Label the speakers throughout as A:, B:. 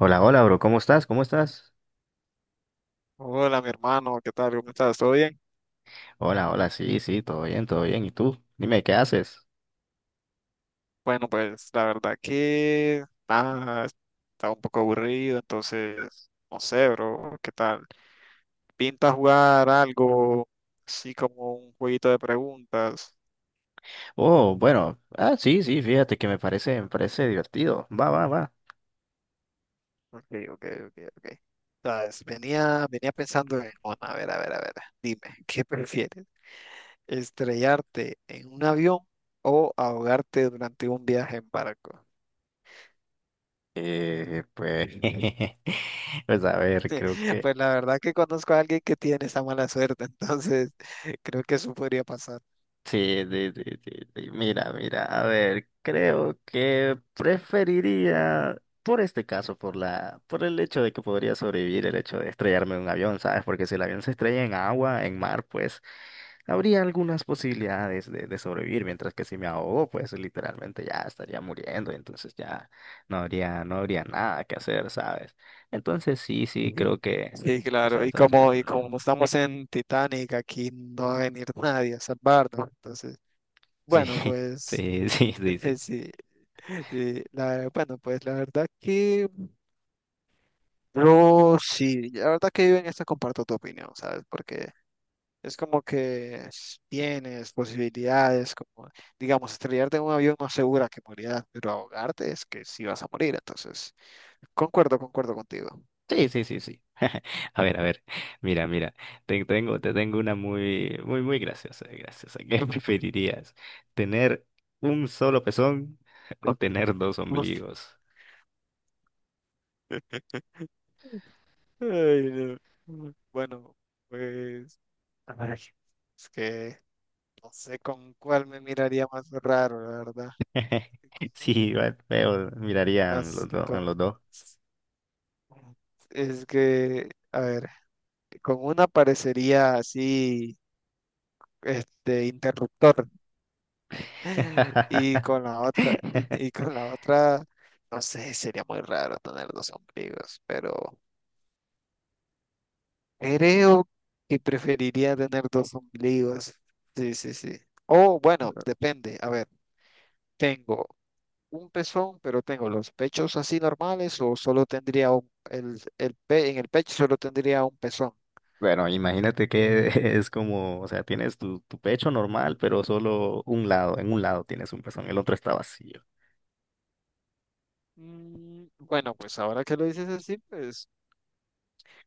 A: Hola, hola, bro, ¿cómo estás? ¿Cómo estás?
B: Hola, mi hermano, ¿qué tal? ¿Cómo estás? ¿Todo bien?
A: Hola, hola, sí, sí, todo bien, todo bien. ¿Y tú? Dime, ¿qué haces?
B: Bueno, pues la verdad que nada, estaba un poco aburrido, entonces, no sé, bro, ¿qué tal? ¿Pinta jugar algo así como un jueguito de preguntas?
A: Oh, bueno, sí, sí, fíjate que me parece divertido. Va, va, va.
B: Ok, ok, ok, ok. Sabes, venía pensando en, bueno, a ver, a ver, a ver, dime, ¿qué prefieres? ¿Estrellarte en un avión o ahogarte durante un viaje en barco?
A: Pues, pues a ver, creo que
B: Pues la verdad que conozco a alguien que tiene esa mala suerte, entonces creo que eso podría pasar.
A: sí, sí, sí, sí, sí. Mira, mira, a ver, creo que preferiría, por este caso, por el hecho de que podría sobrevivir el hecho de estrellarme en un avión, ¿sabes? Porque si el avión se estrella en agua, en mar, pues habría algunas posibilidades de sobrevivir, mientras que si me ahogo, pues literalmente ya estaría muriendo, entonces ya no habría nada que hacer, ¿sabes? Entonces sí, sí,
B: Sí.
A: creo que,
B: Sí, claro, y
A: esta vez, mira,
B: como,
A: por
B: y
A: el avión.
B: como estamos en Titanic, aquí no va a venir nadie a salvarnos, entonces,
A: Sí,
B: bueno, pues
A: sí, sí, sí, sí.
B: sí, sí, bueno, pues la verdad que yo sí, la verdad que yo en esto comparto tu opinión, ¿sabes? Porque es como que tienes posibilidades, como, digamos, estrellarte en un avión no asegura que morirás, pero ahogarte es que sí vas a morir. Entonces, concuerdo contigo.
A: Sí, sí, sí, sí. A ver, mira, mira, te tengo una muy, muy, muy graciosa, graciosa. ¿Qué preferirías? ¿Tener un solo pezón o tener dos
B: Uf.
A: ombligos?
B: Ay, no. Bueno, pues, ay, es que no sé con cuál me miraría más raro, la verdad.
A: Sí,
B: Con
A: igual feo, mirarían los
B: unas-
A: dos, en los
B: con-
A: dos.
B: es que, a ver, con una parecería así, este, interruptor. Y con la otra, y con la otra, no sé, sería muy raro tener dos ombligos, pero creo que preferiría tener dos ombligos. Sí, sí, sí. O bueno, depende. A ver, tengo un pezón, pero tengo los pechos así normales, o solo tendría un, en el pecho solo tendría un pezón.
A: Bueno, imagínate que es como, o sea, tienes tu pecho normal, pero solo un lado, en un lado tienes un pezón, el otro está vacío.
B: Mm. Bueno, pues ahora que lo dices así, pues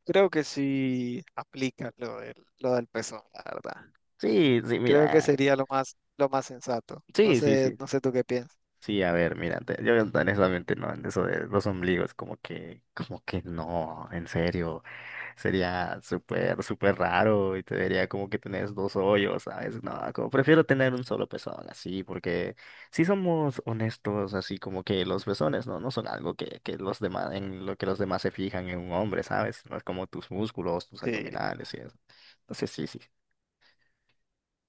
B: creo que sí aplica lo del pezón, la verdad.
A: Sí, sí,
B: Creo que
A: mira.
B: sería lo más sensato. No
A: Sí, sí,
B: sé,
A: sí.
B: no sé tú qué piensas.
A: Sí, a ver, mira, yo no, honestamente no, en eso de los ombligos, como que no, en serio, sería súper, súper raro y te vería como que tenés dos hoyos, ¿sabes? No, como prefiero tener un solo pezón, así, porque si somos honestos, así como que los pezones, ¿no? No son algo que los demás, en lo que los demás se fijan en un hombre, ¿sabes? No es como tus músculos, tus
B: Sí,
A: abdominales y eso. Entonces, sí, sí.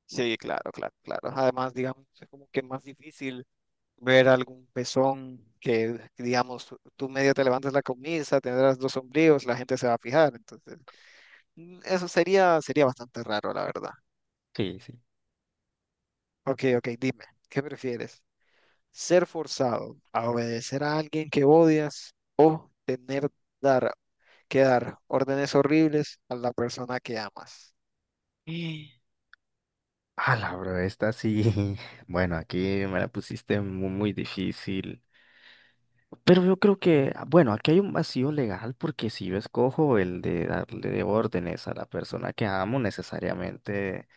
B: sí, claro, claro, claro. Además, digamos, es como que más difícil ver algún pezón que, digamos, tú medio te levantas la camisa, tendrás dos sombríos, la gente se va a fijar. Entonces, mm, sería bastante raro, la verdad.
A: Sí,
B: Ok, ok, dime, ¿qué prefieres? ¿Ser forzado a obedecer a alguien que odias, o tener dar, que dar órdenes horribles a la persona que amas?
A: sí. Ah, la bro, esta sí. Bueno, aquí me la pusiste muy, muy, difícil. Pero yo creo que, bueno, aquí hay un vacío legal porque si yo escojo el de darle órdenes a la persona que amo, necesariamente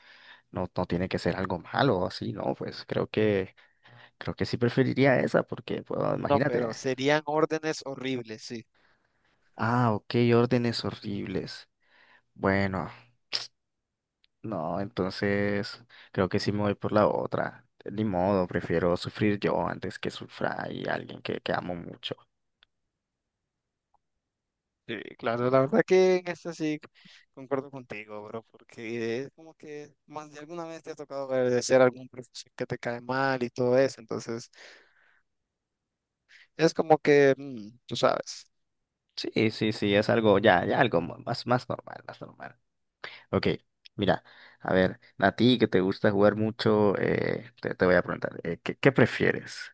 A: no tiene que ser algo malo o así, ¿no? Pues creo que sí preferiría esa porque, pues,
B: No, pero
A: imagínate.
B: serían órdenes horribles, sí.
A: Ah, ok, órdenes horribles. Bueno, no, entonces creo que sí me voy por la otra. Ni modo, prefiero sufrir yo antes que sufra y alguien que amo mucho.
B: Sí, claro, la verdad que en esto sí concuerdo contigo, bro, porque es como que más de alguna vez te ha tocado agradecer a algún profesor que te cae mal y todo eso, entonces es como que, mm, tú sabes.
A: Sí, sí, sí, es algo, ya, ya algo más, más normal, más normal. Ok, mira, a ver, a ti que te gusta jugar mucho, te voy a preguntar, ¿qué, qué prefieres?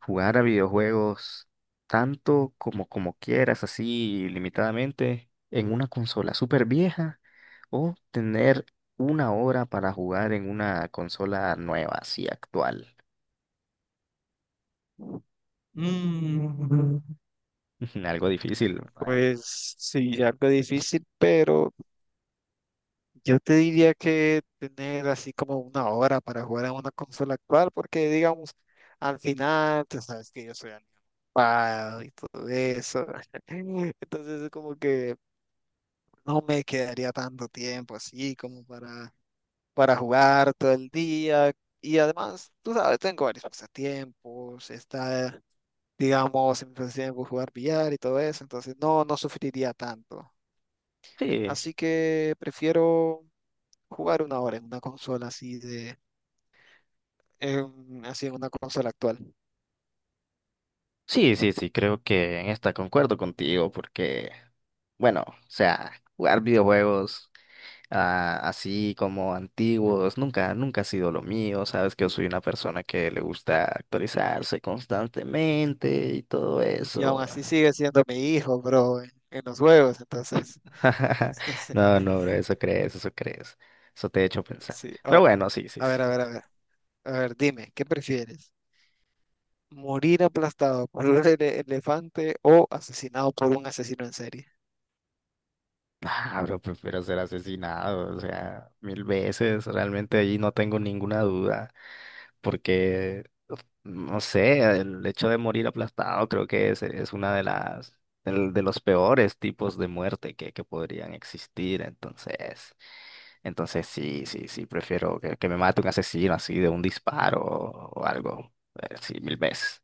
A: Jugar a videojuegos tanto como, como quieras, así limitadamente, en una consola súper vieja, o tener una hora para jugar en una consola nueva, así actual.
B: Mm.
A: Algo difícil, ¿verdad?
B: Pues sí, algo difícil, pero yo te diría que tener así como una hora para jugar en una consola actual, porque digamos, al final, tú sabes que yo soy animado y todo eso. Entonces es como que no me quedaría tanto tiempo así como para jugar todo el día. Y además, tú sabes, tengo varios pasatiempos, está, digamos, en mi pasatiempo jugar billar y todo eso, entonces no, no sufriría tanto.
A: Sí,
B: Así que prefiero jugar una hora en una consola así de, así en una consola actual.
A: sí, sí, sí, creo que en esta concuerdo contigo, porque, bueno, o sea, jugar videojuegos. Ah, así como antiguos, nunca, nunca ha sido lo mío, sabes que yo soy una persona que le gusta actualizarse constantemente y todo
B: Y
A: eso.
B: aún así sigue siendo mi hijo, bro, en los juegos, entonces.
A: No, no, bro, eso crees, eso crees, eso te he hecho pensar.
B: Sí,
A: Pero bueno, sí, sí,
B: a
A: sí.
B: ver, a ver, a ver. A ver, dime, ¿qué prefieres? ¿Morir aplastado por un elefante, o asesinado por un asesino en serie?
A: Ah, bro, prefiero ser asesinado, o sea, mil veces, realmente ahí no tengo ninguna duda. Porque, no sé, el hecho de morir aplastado creo que es una de de los peores tipos de muerte que podrían existir. Entonces, entonces sí, sí, sí, prefiero que me mate un asesino así de un disparo o algo, sí, mil veces.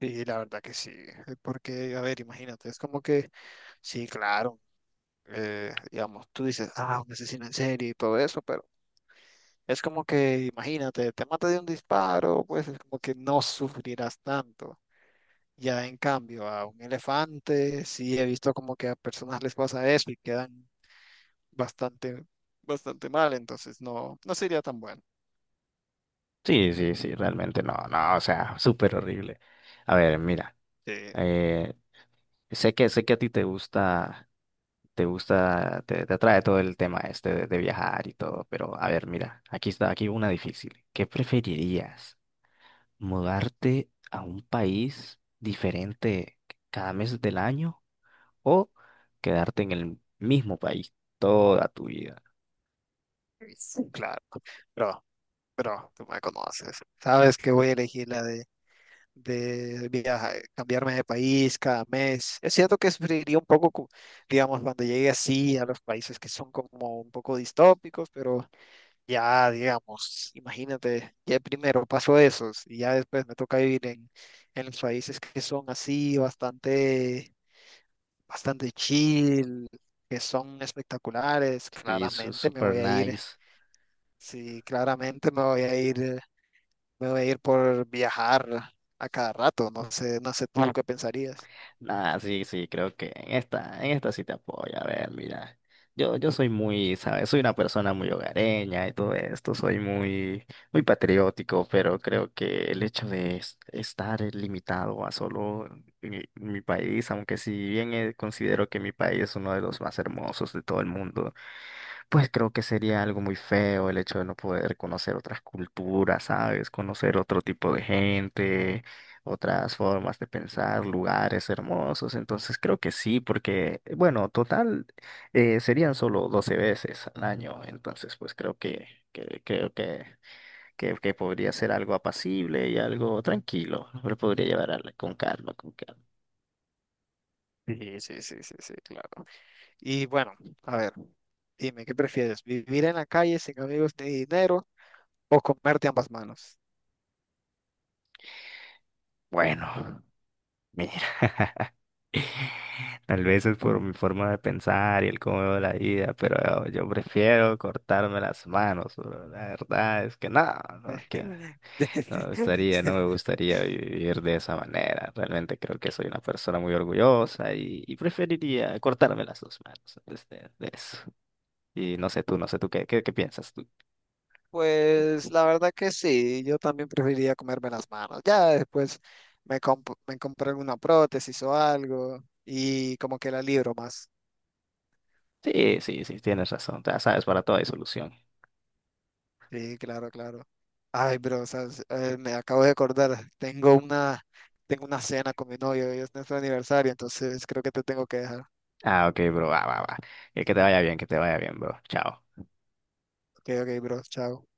B: Sí, la verdad que sí. Porque, a ver, imagínate, es como que, sí, claro, digamos, tú dices, ah, un asesino en serie y todo eso, pero es como que, imagínate, te mata de un disparo, pues es como que no sufrirás tanto. Ya en cambio, a un elefante, sí he visto como que a personas les pasa eso y quedan bastante, bastante mal, entonces no, no sería tan bueno.
A: Sí, sí, sí, realmente no, no, o sea, súper horrible. A ver, mira,
B: Sí.
A: eh, sé que a ti te gusta. Te atrae todo el tema este de viajar y todo, pero a ver, mira, aquí está, aquí una difícil. ¿Qué preferirías? ¿Mudarte a un país diferente cada mes del año o quedarte en el mismo país toda tu vida?
B: Sí, claro. Pero, pero tú me conoces. Sabes que voy a elegir la de viajar, cambiarme de país cada mes. Es cierto que sufriría un poco, digamos, cuando llegue así a los países que son como un poco distópicos, pero ya, digamos, imagínate, ya primero pasó eso y ya después me toca vivir en los países que son así, bastante, bastante chill, que son espectaculares.
A: Sí, eso es
B: Claramente me
A: super
B: voy a ir,
A: nice.
B: sí, claramente me voy a ir, me voy a ir por viajar a cada rato. No sé, no sé tú qué pensarías.
A: Ah, sí, sí, creo que en en esta sí te apoyo. A ver, mira, yo soy muy, ¿sabes? Soy una persona muy hogareña y todo esto, soy muy, muy patriótico, pero creo que el hecho de estar limitado a solo mi país, aunque si bien considero que mi país es uno de los más hermosos de todo el mundo, pues creo que sería algo muy feo el hecho de no poder conocer otras culturas, ¿sabes? Conocer otro tipo de gente, otras formas de pensar, lugares hermosos. Entonces creo que sí, porque, bueno, total, serían solo 12 veces al año. Entonces, pues creo que, que podría ser algo apacible y algo tranquilo. Lo podría llevar a con calma, con calma.
B: Sí, sí, sí, sí, sí, claro. Y bueno, a ver, dime, ¿qué prefieres? ¿Vivir en la calle sin amigos ni dinero, o comerte ambas manos?
A: Bueno, mira. Tal vez es por mi forma de pensar y el cómo veo la vida, pero yo prefiero cortarme las manos, bro. La verdad es que no, no quiero. No me gustaría, no me gustaría vivir de esa manera. Realmente creo que soy una persona muy orgullosa y preferiría cortarme las dos manos de eso. Y no sé tú, no sé tú, ¿qué, qué, qué piensas tú?
B: Pues la verdad que sí, yo también preferiría comerme las manos. Ya después me compré una prótesis o algo y como que la libro más.
A: Sí, sí, sí, tienes razón. Ya sabes, para todo hay solución.
B: Sí, claro, claro. Ay, bro, ¿sabes? Me acabo de acordar, tengo una cena con mi novio, hoy es nuestro aniversario, entonces creo que te tengo que dejar.
A: Ah, ok, bro, va, va, va. Que te vaya bien, que te vaya bien, bro. Chao.
B: Ok, ok, bro, chao.